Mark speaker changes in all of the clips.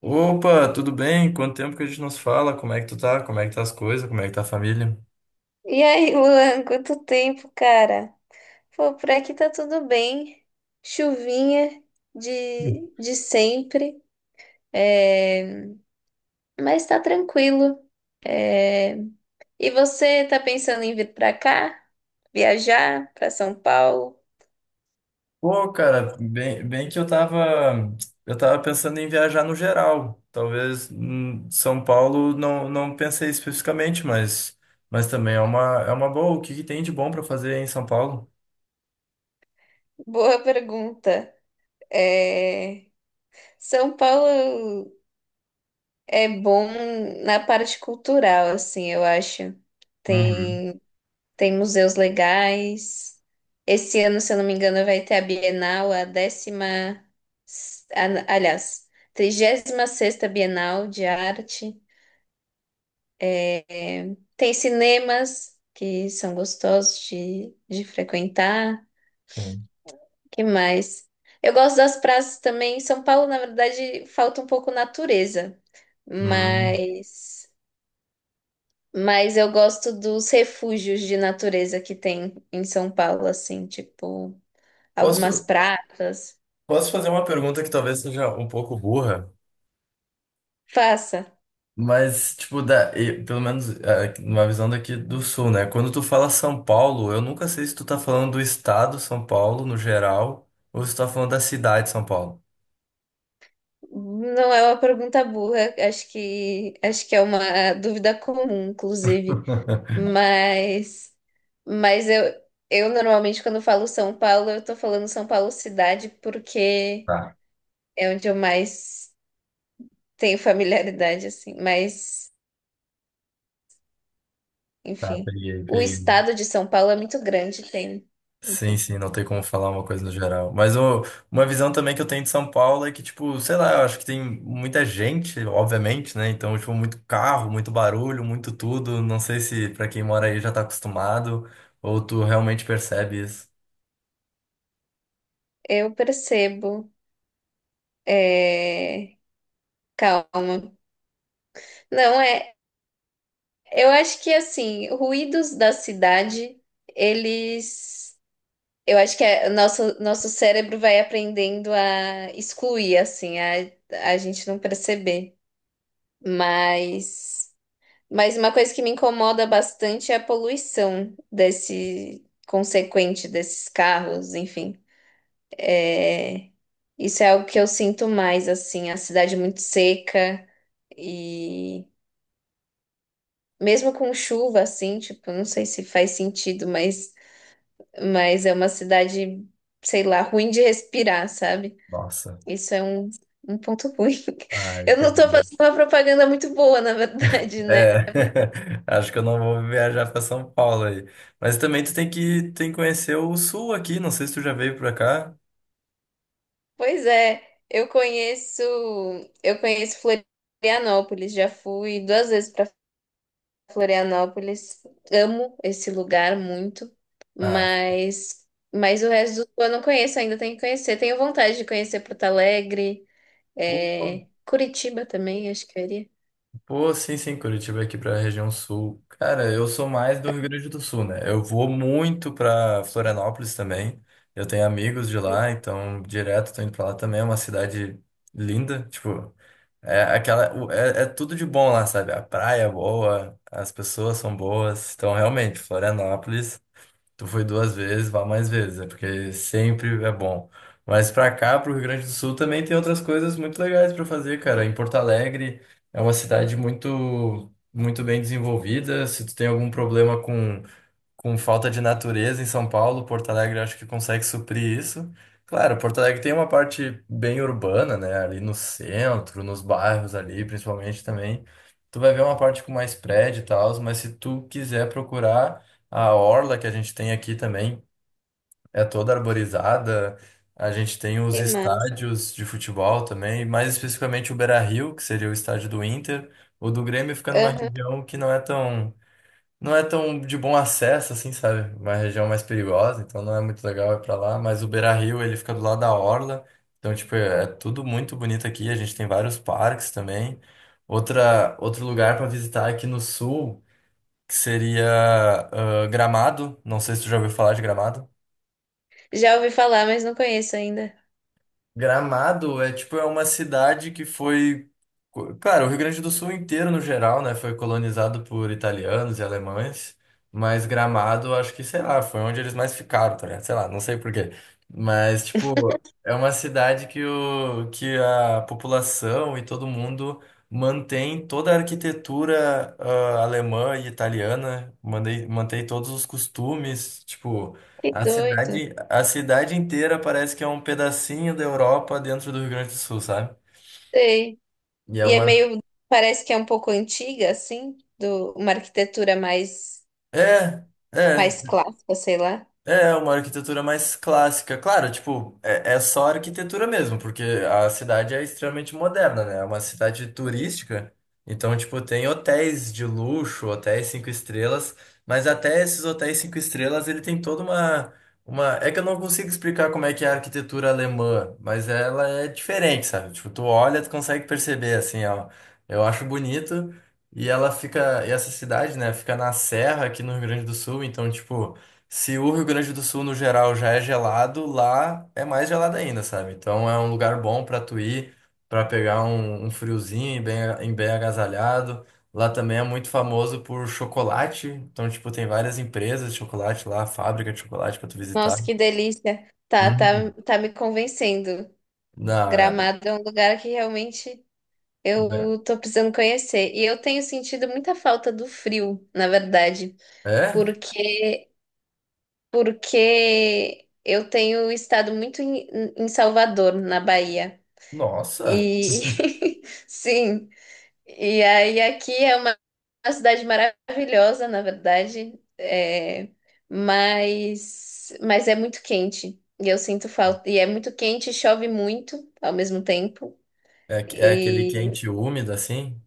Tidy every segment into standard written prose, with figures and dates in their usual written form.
Speaker 1: Opa, tudo bem? Quanto tempo que a gente não se fala? Como é que tu tá? Como é que tá as coisas? Como é que tá a família?
Speaker 2: E aí, Luan, quanto tempo, cara? Pô, por aqui tá tudo bem. Chuvinha
Speaker 1: Hum.
Speaker 2: de sempre, é, mas tá tranquilo. É, e você tá pensando em vir pra cá? Viajar pra São Paulo?
Speaker 1: Pô, cara, bem que eu tava pensando em viajar no geral. Talvez São Paulo não, não pensei especificamente, mas também é é uma boa. O que que tem de bom para fazer em São Paulo?
Speaker 2: Boa pergunta. É, São Paulo é bom na parte cultural, assim, eu acho.
Speaker 1: Uhum.
Speaker 2: Tem. Tem museus legais. Esse ano, se eu não me engano, vai ter a Bienal, a décima, aliás, trigésima sexta Bienal de Arte. É, tem cinemas que são gostosos de frequentar.
Speaker 1: Sim.
Speaker 2: Que mais? Eu gosto das praças também. Em São Paulo, na verdade, falta um pouco natureza,
Speaker 1: Hum.
Speaker 2: mas, mas eu gosto dos refúgios de natureza que tem em São Paulo, assim, tipo. Algumas
Speaker 1: Posso,
Speaker 2: pratas.
Speaker 1: posso fazer uma pergunta que talvez seja um pouco burra?
Speaker 2: Faça.
Speaker 1: Mas, tipo, da, e, pelo menos numa visão daqui do sul, né? Quando tu fala São Paulo, eu nunca sei se tu tá falando do estado São Paulo, no geral, ou se tu tá falando da cidade de São Paulo.
Speaker 2: Não é uma pergunta burra, acho que é uma dúvida comum, inclusive. Mas mas eu normalmente quando falo São Paulo, eu tô falando São Paulo cidade, porque
Speaker 1: Tá,
Speaker 2: é onde eu mais tenho familiaridade assim, mas
Speaker 1: tá,
Speaker 2: enfim.
Speaker 1: peguei,
Speaker 2: O
Speaker 1: peguei.
Speaker 2: estado de São Paulo é muito grande, tem,
Speaker 1: Sim,
Speaker 2: enfim.
Speaker 1: sim, não tem como falar uma coisa no geral. Mas ô, uma visão também que eu tenho de São Paulo é que, tipo, sei lá, eu acho que tem muita gente, obviamente, né? Então, tipo, muito carro, muito barulho, muito tudo. Não sei se pra quem mora aí já tá acostumado, ou tu realmente percebe isso.
Speaker 2: Eu percebo. É... Calma. Não é. Eu acho que assim, ruídos da cidade, eles, eu acho que o nosso cérebro vai aprendendo a excluir assim, a gente não perceber. Mas mas uma coisa que me incomoda bastante é a poluição desse consequente desses carros, enfim. É, isso é algo que eu sinto mais assim, a cidade muito seca e mesmo com chuva assim, tipo, não sei se faz sentido, mas é uma cidade, sei lá, ruim de respirar, sabe?
Speaker 1: Nossa.
Speaker 2: Isso é um, um ponto ruim.
Speaker 1: Ah,
Speaker 2: Eu não tô
Speaker 1: entendi.
Speaker 2: fazendo uma propaganda muito boa, na verdade, né?
Speaker 1: É, acho que eu não vou viajar para São Paulo aí. Mas também tu tem tem que conhecer o sul aqui, não sei se tu já veio para cá.
Speaker 2: Pois é, eu conheço, eu conheço Florianópolis, já fui duas vezes para Florianópolis. Amo esse lugar muito,
Speaker 1: Ah,
Speaker 2: mas mas o resto do eu não conheço ainda, tenho que conhecer. Tenho vontade de conhecer Porto Alegre,
Speaker 1: pô,
Speaker 2: é, Curitiba também, acho que eu iria.
Speaker 1: pô, sim, sim, Curitiba aqui para a região sul. Cara, eu sou mais do Rio Grande do Sul, né? Eu vou muito para Florianópolis também. Eu tenho amigos de lá, então direto tô indo para lá também. É uma cidade linda, tipo, é aquela, é tudo de bom lá, sabe? A praia é boa, as pessoas são boas. Então, realmente, Florianópolis. Tu foi 2 vezes, vá mais vezes, é porque sempre é bom. Mas pra cá, pro Rio Grande do Sul, também tem outras coisas muito legais pra fazer, cara. Em Porto Alegre é uma cidade muito, muito bem desenvolvida. Se tu tem algum problema com falta de natureza em São Paulo, Porto Alegre acho que consegue suprir isso. Claro, Porto Alegre tem uma parte bem urbana, né? Ali no centro, nos bairros ali, principalmente também. Tu vai ver uma parte com mais prédio e tal, mas se tu quiser procurar a orla que a gente tem aqui também, é toda arborizada. A gente tem os
Speaker 2: Que massa.
Speaker 1: estádios de futebol também, mais especificamente o Beira-Rio, que seria o estádio do Inter. O do Grêmio fica numa região que não é tão de bom acesso, assim, sabe? Uma região mais perigosa, então não é muito legal ir pra lá. Mas o Beira-Rio, ele fica do lado da orla, então, tipo, é tudo muito bonito aqui. A gente tem vários parques também. Outro lugar pra visitar aqui no sul, que seria Gramado. Não sei se tu já ouviu falar de Gramado.
Speaker 2: Já ouvi falar, mas não conheço ainda.
Speaker 1: Gramado é tipo é uma cidade que foi, co- claro, o Rio Grande do Sul inteiro no geral, né, foi colonizado por italianos e alemães, mas Gramado acho que, sei lá, foi onde eles mais ficaram, tá ligado? Sei lá, não sei por quê. Mas tipo, é uma cidade que o que a população e todo mundo mantém toda a arquitetura alemã e italiana, mantém todos os costumes, tipo
Speaker 2: Que doido.
Speaker 1: a cidade inteira parece que é um pedacinho da Europa dentro do Rio Grande do Sul, sabe?
Speaker 2: Sei.
Speaker 1: E é
Speaker 2: E é
Speaker 1: uma.
Speaker 2: meio, parece que é um pouco antiga, assim, do uma arquitetura mais
Speaker 1: É, é,
Speaker 2: mais clássica, sei lá.
Speaker 1: É uma arquitetura mais clássica. Claro, tipo, é só arquitetura mesmo, porque a cidade é extremamente moderna, né? É uma cidade
Speaker 2: Sim.
Speaker 1: turística. Então, tipo, tem hotéis de luxo, hotéis 5 estrelas, mas até esses hotéis 5 estrelas, ele tem toda uma... É que eu não consigo explicar como é que é a arquitetura alemã, mas ela é diferente, sabe? Tipo, tu olha, tu consegue perceber, assim, ó. Eu acho bonito. E ela fica... E essa cidade, né? Fica na serra aqui no Rio Grande do Sul, então, tipo... Se o Rio Grande do Sul, no geral, já é gelado, lá é mais gelado ainda, sabe? Então é um lugar bom pra tu ir, pra pegar um friozinho e e bem agasalhado. Lá também é muito famoso por chocolate. Então, tipo, tem várias empresas de chocolate lá, fábrica de chocolate pra tu visitar.
Speaker 2: Nossa, que delícia. Tá, tá,
Speaker 1: Hum.
Speaker 2: tá me convencendo.
Speaker 1: Não, é...
Speaker 2: Gramado é um lugar que realmente eu tô precisando conhecer. E eu tenho sentido muita falta do frio, na verdade,
Speaker 1: É?
Speaker 2: porque porque eu tenho estado muito em, em Salvador, na Bahia.
Speaker 1: Nossa!
Speaker 2: E sim, e aí aqui é uma cidade maravilhosa, na verdade, é, mas é muito quente. E eu sinto falta. E é muito quente, e chove muito ao mesmo tempo.
Speaker 1: É, que- é aquele
Speaker 2: E
Speaker 1: quente e úmido, assim?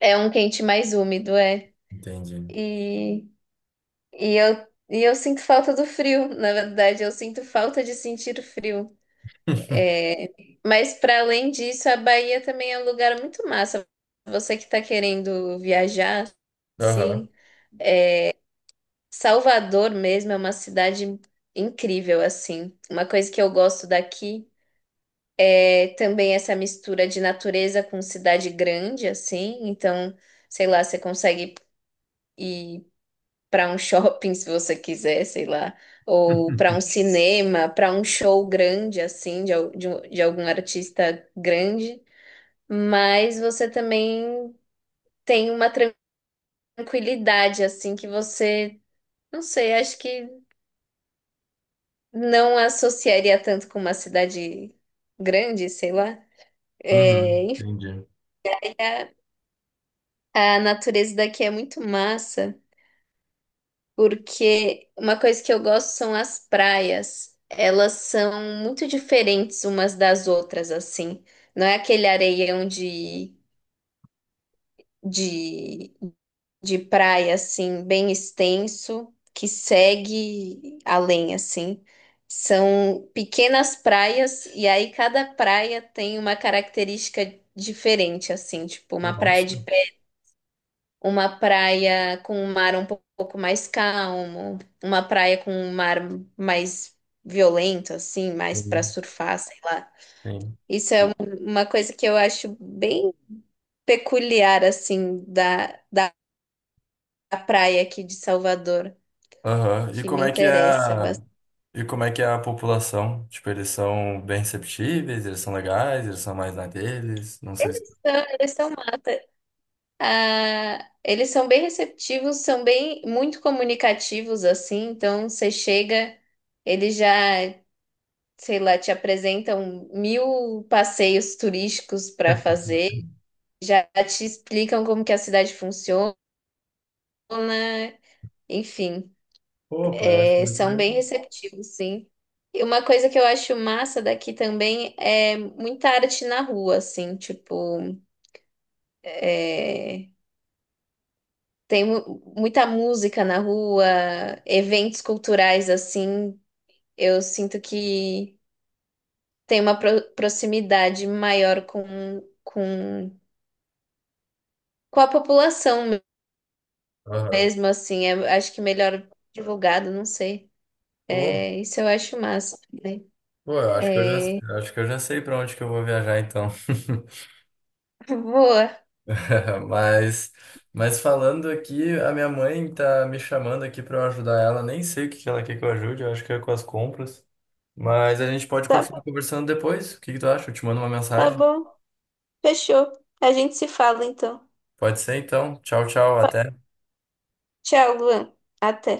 Speaker 2: é um quente mais úmido, é.
Speaker 1: Entendi.
Speaker 2: E, e eu sinto falta do frio, na verdade, eu sinto falta de sentir o frio. Mas para além disso, a Bahia também é um lugar muito massa. Você que está querendo viajar,
Speaker 1: Aham.
Speaker 2: assim. Salvador mesmo é uma cidade incrível, assim. Uma coisa que eu gosto daqui é também essa mistura de natureza com cidade grande, assim. Então, sei lá, você consegue ir para um shopping se você quiser, sei lá, ou para um cinema, para um show grande, assim, de, al- de, um- de algum artista grande. Mas você também tem uma tranquilidade, assim, que você. Não sei, acho que. Não associaria tanto com uma cidade grande, sei lá. É,
Speaker 1: Uhum,
Speaker 2: enfim,
Speaker 1: entendi.
Speaker 2: a natureza daqui é muito massa, porque uma coisa que eu gosto são as praias. Elas são muito diferentes umas das outras, assim. Não é aquele areião de de praia, assim, bem extenso, que segue além, assim. São pequenas praias, e aí cada praia tem uma característica diferente, assim, tipo uma praia de
Speaker 1: Nossa.
Speaker 2: pé, uma praia com um mar um pouco mais calmo, uma praia com um mar mais violento, assim, mais para surfar, sei lá.
Speaker 1: Sim.
Speaker 2: Isso é um-
Speaker 1: E-
Speaker 2: uma coisa que eu acho bem peculiar, assim, da praia aqui de Salvador,
Speaker 1: Aham. E
Speaker 2: que me
Speaker 1: como é que é
Speaker 2: interessa
Speaker 1: a...
Speaker 2: bastante.
Speaker 1: E como é que é a população? Tipo, eles são bem receptíveis, eles são legais, eles são mais na deles, não sei se...
Speaker 2: Então, eles são mata. Ah, eles são bem receptivos, são bem muito comunicativos assim, então você chega, eles já, sei lá, te apresentam mil passeios turísticos para fazer, já te explicam como que a cidade funciona, enfim,
Speaker 1: Pô, parece
Speaker 2: é,
Speaker 1: muito
Speaker 2: são bem
Speaker 1: legal.
Speaker 2: receptivos, sim. E uma coisa que eu acho massa daqui também é muita arte na rua, assim, tipo, é, tem muita música na rua, eventos culturais assim. Eu sinto que tem uma proximidade maior com, com a população
Speaker 1: Aham.
Speaker 2: mesmo, assim. É- acho que melhor divulgado, não sei.
Speaker 1: Pô,
Speaker 2: É, isso eu acho massa. Né?
Speaker 1: pô, eu acho que eu já,
Speaker 2: É,
Speaker 1: acho que eu já sei para onde que eu vou viajar então.
Speaker 2: boa.
Speaker 1: Mas, mas falando aqui, a minha mãe tá me chamando aqui para eu ajudar ela, nem sei o que que ela quer que eu ajude, eu acho que é com as compras. Mas a gente pode continuar
Speaker 2: Tá,
Speaker 1: conversando depois. O que que tu acha? Eu te mando uma
Speaker 2: tá
Speaker 1: mensagem.
Speaker 2: bom. Fechou. A gente se fala então.
Speaker 1: Pode ser então. Tchau, tchau. Até.
Speaker 2: Tchau, Luan. Até.